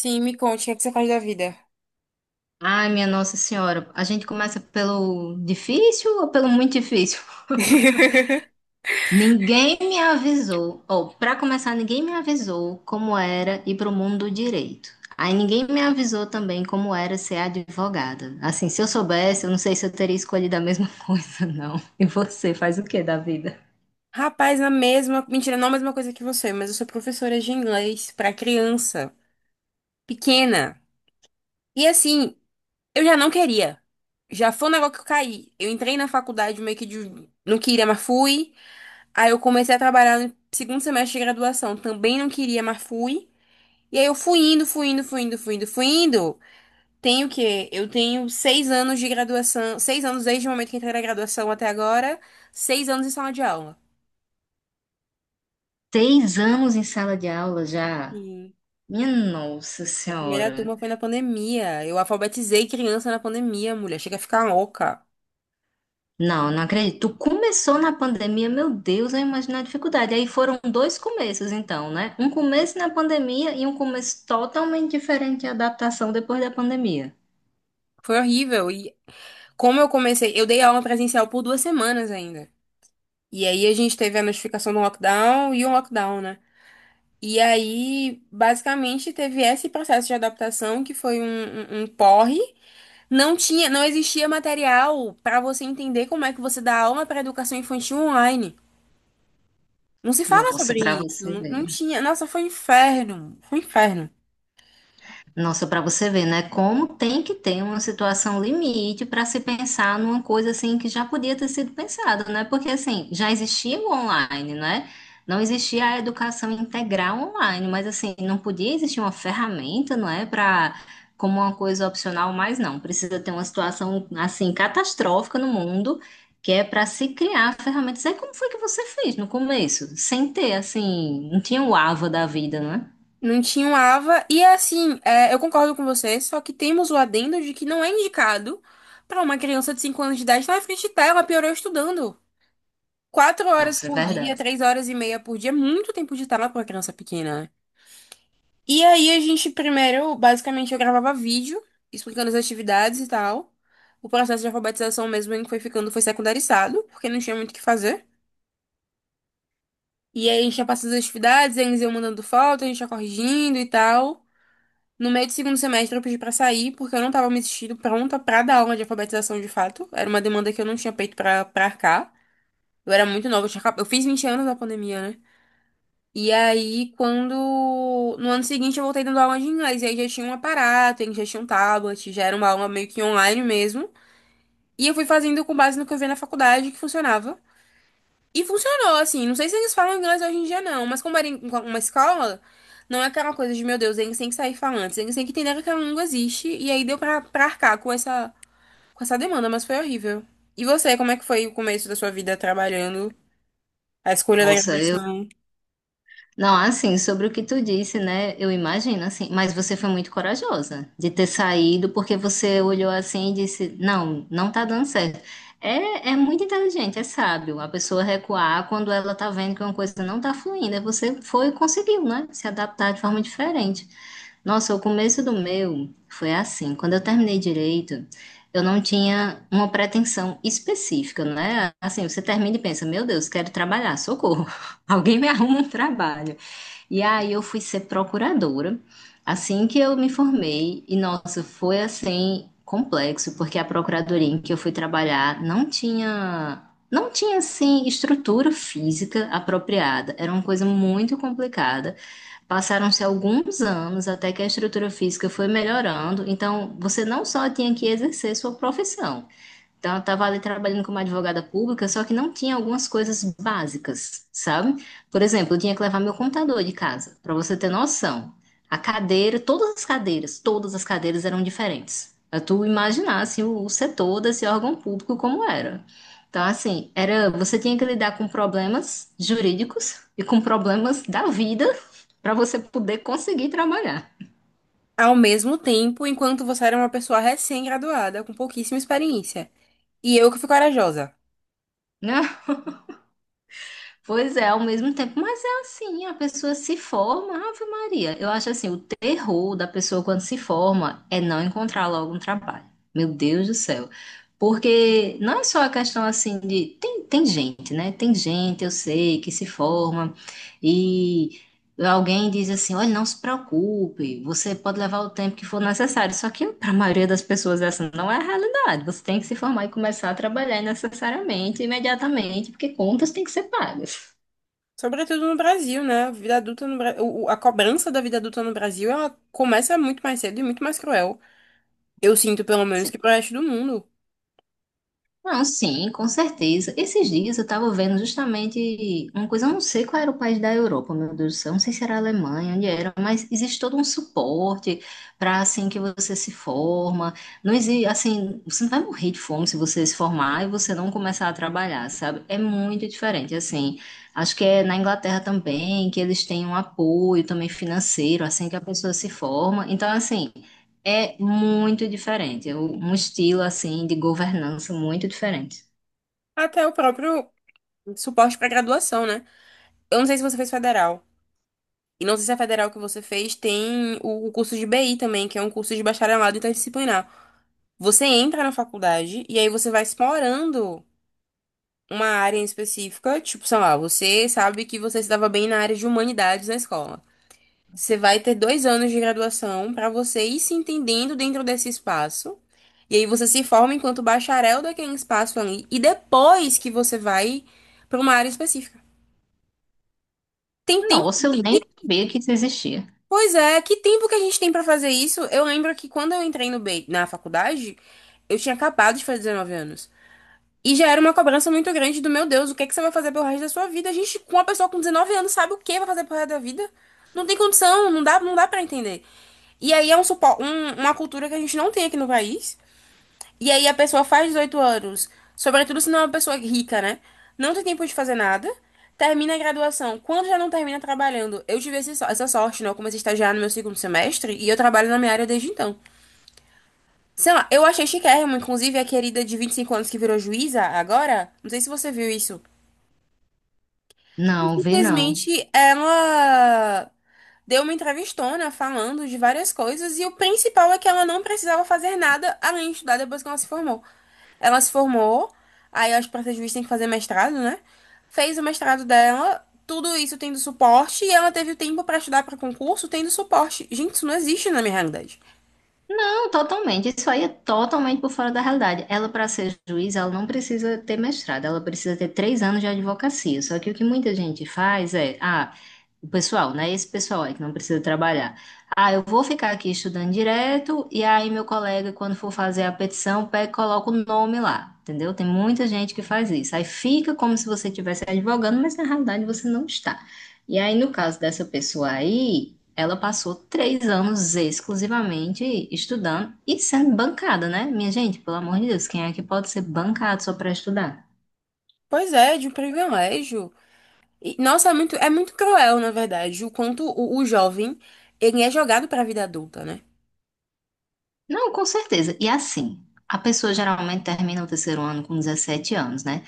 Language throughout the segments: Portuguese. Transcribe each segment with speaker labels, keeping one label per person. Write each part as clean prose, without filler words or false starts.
Speaker 1: Sim, me conte, o que é que você faz da vida?
Speaker 2: Ai, minha Nossa Senhora, a gente começa pelo difícil ou pelo muito difícil? Ninguém me avisou, ou para começar, ninguém me avisou como era ir pro mundo do direito. Aí ninguém me avisou também como era ser advogada. Assim, se eu soubesse, eu não sei se eu teria escolhido a mesma coisa, não. E você faz o que da vida?
Speaker 1: Rapaz, na mesma. Mentira, não a mesma coisa que você, mas eu sou professora de inglês pra criança pequena. E assim, eu já não queria. Já foi um negócio que eu caí. Eu entrei na faculdade meio que de. Não queria, mas fui. Aí eu comecei a trabalhar no segundo semestre de graduação. Também não queria, mas fui. E aí eu fui indo, fui indo, fui indo, fui indo, fui indo. Tenho o quê? Eu tenho 6 anos de graduação, 6 anos desde o momento que entrei na graduação até agora, 6 anos em sala de aula.
Speaker 2: Seis anos em sala de aula já?
Speaker 1: E
Speaker 2: Minha Nossa
Speaker 1: a primeira
Speaker 2: Senhora.
Speaker 1: turma foi na pandemia. Eu alfabetizei criança na pandemia, mulher. Chega a ficar louca.
Speaker 2: Não, não acredito. Tu começou na pandemia, meu Deus, eu imagino a dificuldade. Aí foram dois começos, então, né? Um começo na pandemia e um começo totalmente diferente à adaptação depois da pandemia.
Speaker 1: Foi horrível. E como eu comecei, eu dei aula presencial por duas semanas ainda. E aí a gente teve a notificação do lockdown e um lockdown, né? E aí, basicamente, teve esse processo de adaptação que foi um porre. Não existia material para você entender como é que você dá aula para educação infantil online. Não se fala
Speaker 2: Nossa,
Speaker 1: sobre
Speaker 2: pra
Speaker 1: isso,
Speaker 2: você
Speaker 1: não
Speaker 2: ver.
Speaker 1: tinha. Nossa, foi um inferno, foi um inferno.
Speaker 2: Nossa, para você ver, né? Como tem que ter uma situação limite para se pensar numa coisa assim que já podia ter sido pensada, né? Porque assim, já existia o online, né? Não existia a educação integral online, mas assim, não podia existir uma ferramenta, não é? Para como uma coisa opcional, mas não. Precisa ter uma situação assim catastrófica no mundo que é para se criar ferramentas. É como foi que você fez no começo, sem ter assim, não tinha o Ava da vida, né?
Speaker 1: Não tinha um AVA e é assim, é, eu concordo com você, só que temos o adendo de que não é indicado para uma criança de 5 anos de idade estar na frente de tela, piorou estudando. 4 horas
Speaker 2: Nossa, é
Speaker 1: por dia,
Speaker 2: verdade.
Speaker 1: 3 horas e meia por dia, é muito tempo de tela para uma criança pequena. E aí a gente primeiro, basicamente, eu gravava vídeo explicando as atividades e tal. O processo de alfabetização mesmo em que foi ficando foi secundarizado, porque não tinha muito o que fazer. E aí a gente ia passando as atividades, eles iam mandando foto, a gente ia corrigindo e tal. No meio do segundo semestre eu pedi pra sair, porque eu não tava me sentindo pronta pra dar aula de alfabetização de fato. Era uma demanda que eu não tinha peito pra arcar. Eu era muito nova, eu, eu fiz 20 anos na pandemia, né? E aí, quando. No ano seguinte, eu voltei dando aula de inglês. E aí já tinha um aparato, ele já tinha um tablet, já era uma aula meio que online mesmo. E eu fui fazendo com base no que eu vi na faculdade, que funcionava. E funcionou, assim. Não sei se eles falam inglês hoje em dia, não. Mas como era uma escola, não é aquela coisa de, meu Deus, eles têm que sair falando. Eles têm que entender que aquela língua existe. E aí deu pra arcar com essa demanda, mas foi horrível. E você, como é que foi o começo da sua vida trabalhando? A escolha da
Speaker 2: Nossa,
Speaker 1: graduação?
Speaker 2: não, assim, sobre o que tu disse, né? Eu imagino, assim, mas você foi muito corajosa de ter saído, porque você olhou assim e disse, não, não tá dando certo. É, é muito inteligente, é sábio a pessoa recuar quando ela tá vendo que uma coisa não tá fluindo. Aí você foi e conseguiu, né? Se adaptar de forma diferente. Nossa, o começo do meu foi assim. Quando eu terminei direito, eu não tinha uma pretensão específica, né? Assim, você termina e pensa, meu Deus, quero trabalhar, socorro. Alguém me arruma um trabalho. E aí eu fui ser procuradora assim que eu me formei. E nossa, foi assim complexo, porque a procuradoria em que eu fui trabalhar não tinha não tinha assim estrutura física apropriada. Era uma coisa muito complicada. Passaram-se alguns anos até que a estrutura física foi melhorando. Então, você não só tinha que exercer sua profissão, então, eu estava ali trabalhando como advogada pública, só que não tinha algumas coisas básicas, sabe? Por exemplo, eu tinha que levar meu computador de casa, para você ter noção. A cadeira, todas as cadeiras eram diferentes. Pra tu imaginar, assim, o setor desse órgão público como era. Então, assim, era, você tinha que lidar com problemas jurídicos e com problemas da vida para você poder conseguir trabalhar.
Speaker 1: Ao mesmo tempo, enquanto você era uma pessoa recém-graduada, com pouquíssima experiência. E eu que fui corajosa.
Speaker 2: Né? Pois é, ao mesmo tempo, mas é assim, a pessoa se forma, Ave Maria. Eu acho assim, o terror da pessoa quando se forma é não encontrar logo um trabalho. Meu Deus do céu. Porque não é só a questão assim de. Tem, tem gente, né? Tem gente, eu sei, que se forma e alguém diz assim: olha, não se preocupe, você pode levar o tempo que for necessário. Só que para a maioria das pessoas essa não é a realidade. Você tem que se formar e começar a trabalhar necessariamente, imediatamente, porque contas têm que ser pagas.
Speaker 1: Sobretudo no Brasil, né? A vida adulta no A cobrança da vida adulta no Brasil, ela começa muito mais cedo e muito mais cruel. Eu sinto, pelo menos,
Speaker 2: Sim.
Speaker 1: que pro resto do mundo.
Speaker 2: Não, sim, com certeza. Esses dias eu estava vendo justamente uma coisa, eu não sei qual era o país da Europa, meu Deus do céu, não sei se era a Alemanha, onde era, mas existe todo um suporte para assim que você se forma. Não existe, assim, você não vai morrer de fome se você se formar e você não começar a trabalhar, sabe? É muito diferente, assim. Acho que é na Inglaterra também que eles têm um apoio também financeiro assim que a pessoa se forma. Então, assim, é muito diferente, é um estilo assim de governança muito diferente.
Speaker 1: Até o próprio suporte para graduação, né? Eu não sei se você fez federal. E não sei se a federal que você fez tem o curso de BI também, que é um curso de bacharelado interdisciplinar. Você entra na faculdade e aí você vai explorando uma área em específica, tipo, sei lá, você sabe que você se dava bem na área de humanidades na escola. Você vai ter 2 anos de graduação para você ir se entendendo dentro desse espaço. E aí você se forma enquanto bacharel daquele espaço ali. E depois que você vai para uma área específica. Tem tempo.
Speaker 2: Nossa, eu nem
Speaker 1: Que-
Speaker 2: sabia que isso existia.
Speaker 1: Pois é, que tempo que a gente tem para fazer isso? Eu lembro que quando eu entrei no B, na faculdade, eu tinha acabado de fazer 19 anos. E já era uma cobrança muito grande do meu Deus, o que é que você vai fazer pelo resto da sua vida? A gente, com uma pessoa com 19 anos, sabe o que vai fazer pelo resto da vida? Não tem condição, não dá, não dá para entender. E aí é uma cultura que a gente não tem aqui no país. E aí a pessoa faz 18 anos, sobretudo se não é uma pessoa rica, né? Não tem tempo de fazer nada. Termina a graduação. Quando já não termina trabalhando, eu tive essa sorte, né? Eu comecei a estagiar no meu segundo semestre e eu trabalho na minha área desde então. Sei lá, eu achei chiquérrimo, inclusive a querida de 25 anos que virou juíza agora, não sei se você viu isso.
Speaker 2: Não, vi não.
Speaker 1: Simplesmente ela deu uma entrevistona falando de várias coisas e o principal é que ela não precisava fazer nada além de estudar depois que ela se formou. Ela se formou, aí acho que pra ser juiz tem que fazer mestrado, né? Fez o mestrado dela, tudo isso tendo suporte, e ela teve o tempo pra estudar pra concurso tendo suporte. Gente, isso não existe na minha realidade.
Speaker 2: Não, totalmente. Isso aí é totalmente por fora da realidade. Ela, para ser juiz, ela não precisa ter mestrado, ela precisa ter três anos de advocacia. Só que o que muita gente faz é, ah, o pessoal, né? Esse pessoal aí que não precisa trabalhar. Ah, eu vou ficar aqui estudando direto, e aí meu colega, quando for fazer a petição, pega, e coloca o nome lá, entendeu? Tem muita gente que faz isso. Aí fica como se você estivesse advogando, mas na realidade você não está. E aí, no caso dessa pessoa aí. Ela passou três anos exclusivamente estudando e sendo bancada, né? Minha gente, pelo amor de Deus, quem é que pode ser bancado só para estudar?
Speaker 1: Pois é, de um privilégio. E, Nossa, é muito cruel, na verdade, o quanto o jovem, ele é jogado pra vida adulta, né?
Speaker 2: Não, com certeza. E assim, a pessoa geralmente termina o terceiro ano com 17 anos, né?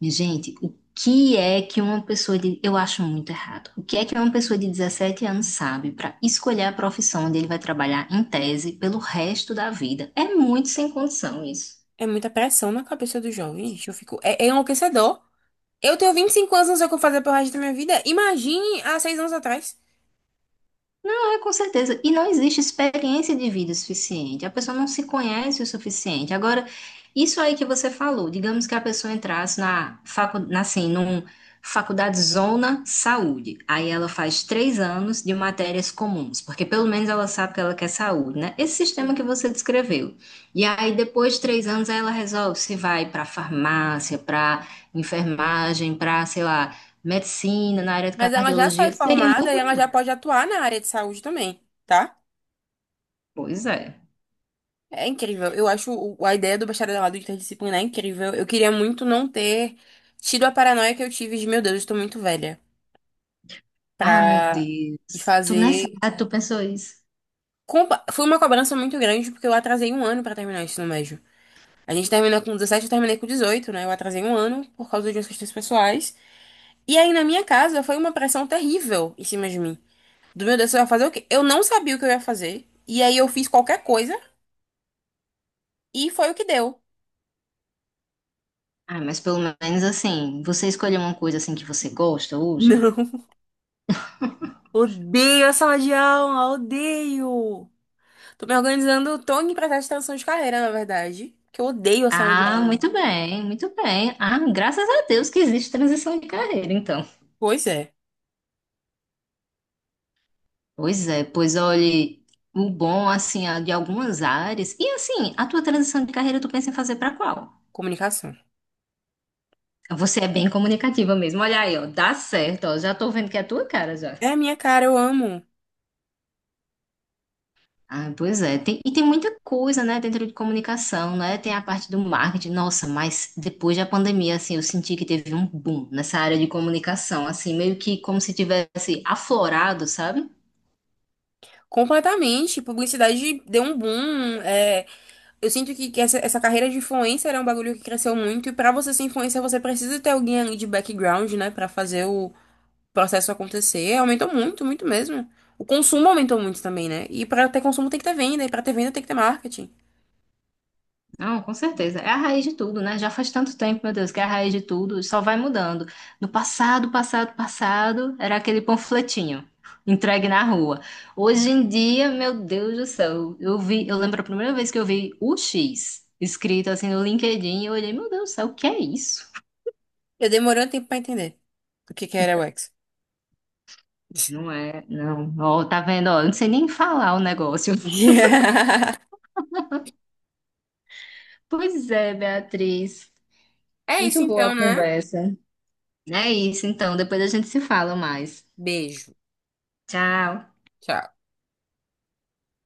Speaker 2: Minha gente, o que é que uma pessoa de. Eu acho muito errado. O que é que uma pessoa de 17 anos sabe para escolher a profissão onde ele vai trabalhar em tese pelo resto da vida? É muito sem condição isso.
Speaker 1: É muita pressão na cabeça do jovem, gente. Eu fico, é enlouquecedor. Eu tenho 25 anos, não sei o que eu vou fazer pro resto da minha vida. Imagine há 6 anos atrás.
Speaker 2: É, com certeza. E não existe experiência de vida o suficiente. A pessoa não se conhece o suficiente. Agora, isso aí que você falou, digamos que a pessoa entrasse na facu, na, assim, num faculdade Zona Saúde. Aí ela faz três anos de matérias comuns, porque pelo menos ela sabe que ela quer saúde, né? Esse sistema
Speaker 1: Sim.
Speaker 2: que você descreveu. E aí, depois de três anos, aí ela resolve se vai para farmácia, para enfermagem, para, sei lá, medicina, na área de
Speaker 1: Mas ela já sai
Speaker 2: cardiologia. Seria
Speaker 1: formada
Speaker 2: muito
Speaker 1: e ela
Speaker 2: melhor.
Speaker 1: já pode atuar na área de saúde também, tá?
Speaker 2: Pois é.
Speaker 1: É incrível. Eu acho a ideia do bacharelado interdisciplinar é incrível. Eu queria muito não ter tido a paranoia que eu tive de, meu Deus, eu estou muito velha
Speaker 2: Ah, meu
Speaker 1: pra
Speaker 2: Deus.
Speaker 1: ir
Speaker 2: Tu nessa
Speaker 1: fazer.
Speaker 2: idade, tu pensou isso?
Speaker 1: Foi uma cobrança muito grande porque eu atrasei um ano pra terminar o ensino médio. A gente terminou com 17, eu terminei com 18, né? Eu atrasei um ano por causa de umas questões pessoais. E aí, na minha casa, foi uma pressão terrível em cima de mim. Do meu Deus, você vai fazer o quê? Eu não sabia o que eu ia fazer. E aí, eu fiz qualquer coisa e foi o que deu.
Speaker 2: Ah, mas pelo menos assim, você escolheu uma coisa assim que você gosta hoje?
Speaker 1: Não, odeio a sala de aula, odeio. Tô me organizando, tô em processo de transição de carreira, na verdade, que eu odeio a sala de
Speaker 2: Ah,
Speaker 1: aula.
Speaker 2: muito bem, muito bem. Ah, graças a Deus que existe transição de carreira, então.
Speaker 1: Pois é,
Speaker 2: Pois é, pois olhe, o bom assim é de algumas áreas. E assim, a tua transição de carreira tu pensa em fazer pra qual?
Speaker 1: comunicação.
Speaker 2: Você é bem comunicativa mesmo. Olha aí, ó, dá certo, ó. Já tô vendo que é a tua cara já.
Speaker 1: É a minha cara, eu amo.
Speaker 2: Ah, pois é, tem- e tem muita coisa, né, dentro de comunicação, né? Tem a parte do marketing, nossa, mas depois da pandemia, assim, eu senti que teve um boom nessa área de comunicação, assim, meio que como se tivesse aflorado, sabe?
Speaker 1: Completamente. Publicidade deu um boom. É, eu sinto que essa carreira de influencer é um bagulho que cresceu muito. E pra você ser influencer, você precisa ter alguém ali de background, né? Pra fazer o processo acontecer. Aumentou muito, muito mesmo. O consumo aumentou muito também, né? E pra ter consumo tem que ter venda. E pra ter venda tem que ter marketing.
Speaker 2: Não, com certeza. É a raiz de tudo, né? Já faz tanto tempo, meu Deus, que é a raiz de tudo, só vai mudando. No passado, passado, passado, era aquele panfletinho entregue na rua. Hoje em dia, meu Deus do céu, eu vi, eu lembro a primeira vez que eu vi o X escrito assim no LinkedIn, eu olhei, meu Deus do céu, o que é isso?
Speaker 1: Eu demorei um tempo pra entender o que que era o X.
Speaker 2: Não é, não. Ó, tá vendo? Ó, eu não sei nem falar o negócio. Pois é, Beatriz.
Speaker 1: É isso
Speaker 2: Muito boa a
Speaker 1: então, né?
Speaker 2: conversa. É isso, então, depois a gente se fala mais.
Speaker 1: Beijo.
Speaker 2: Tchau.
Speaker 1: Tchau.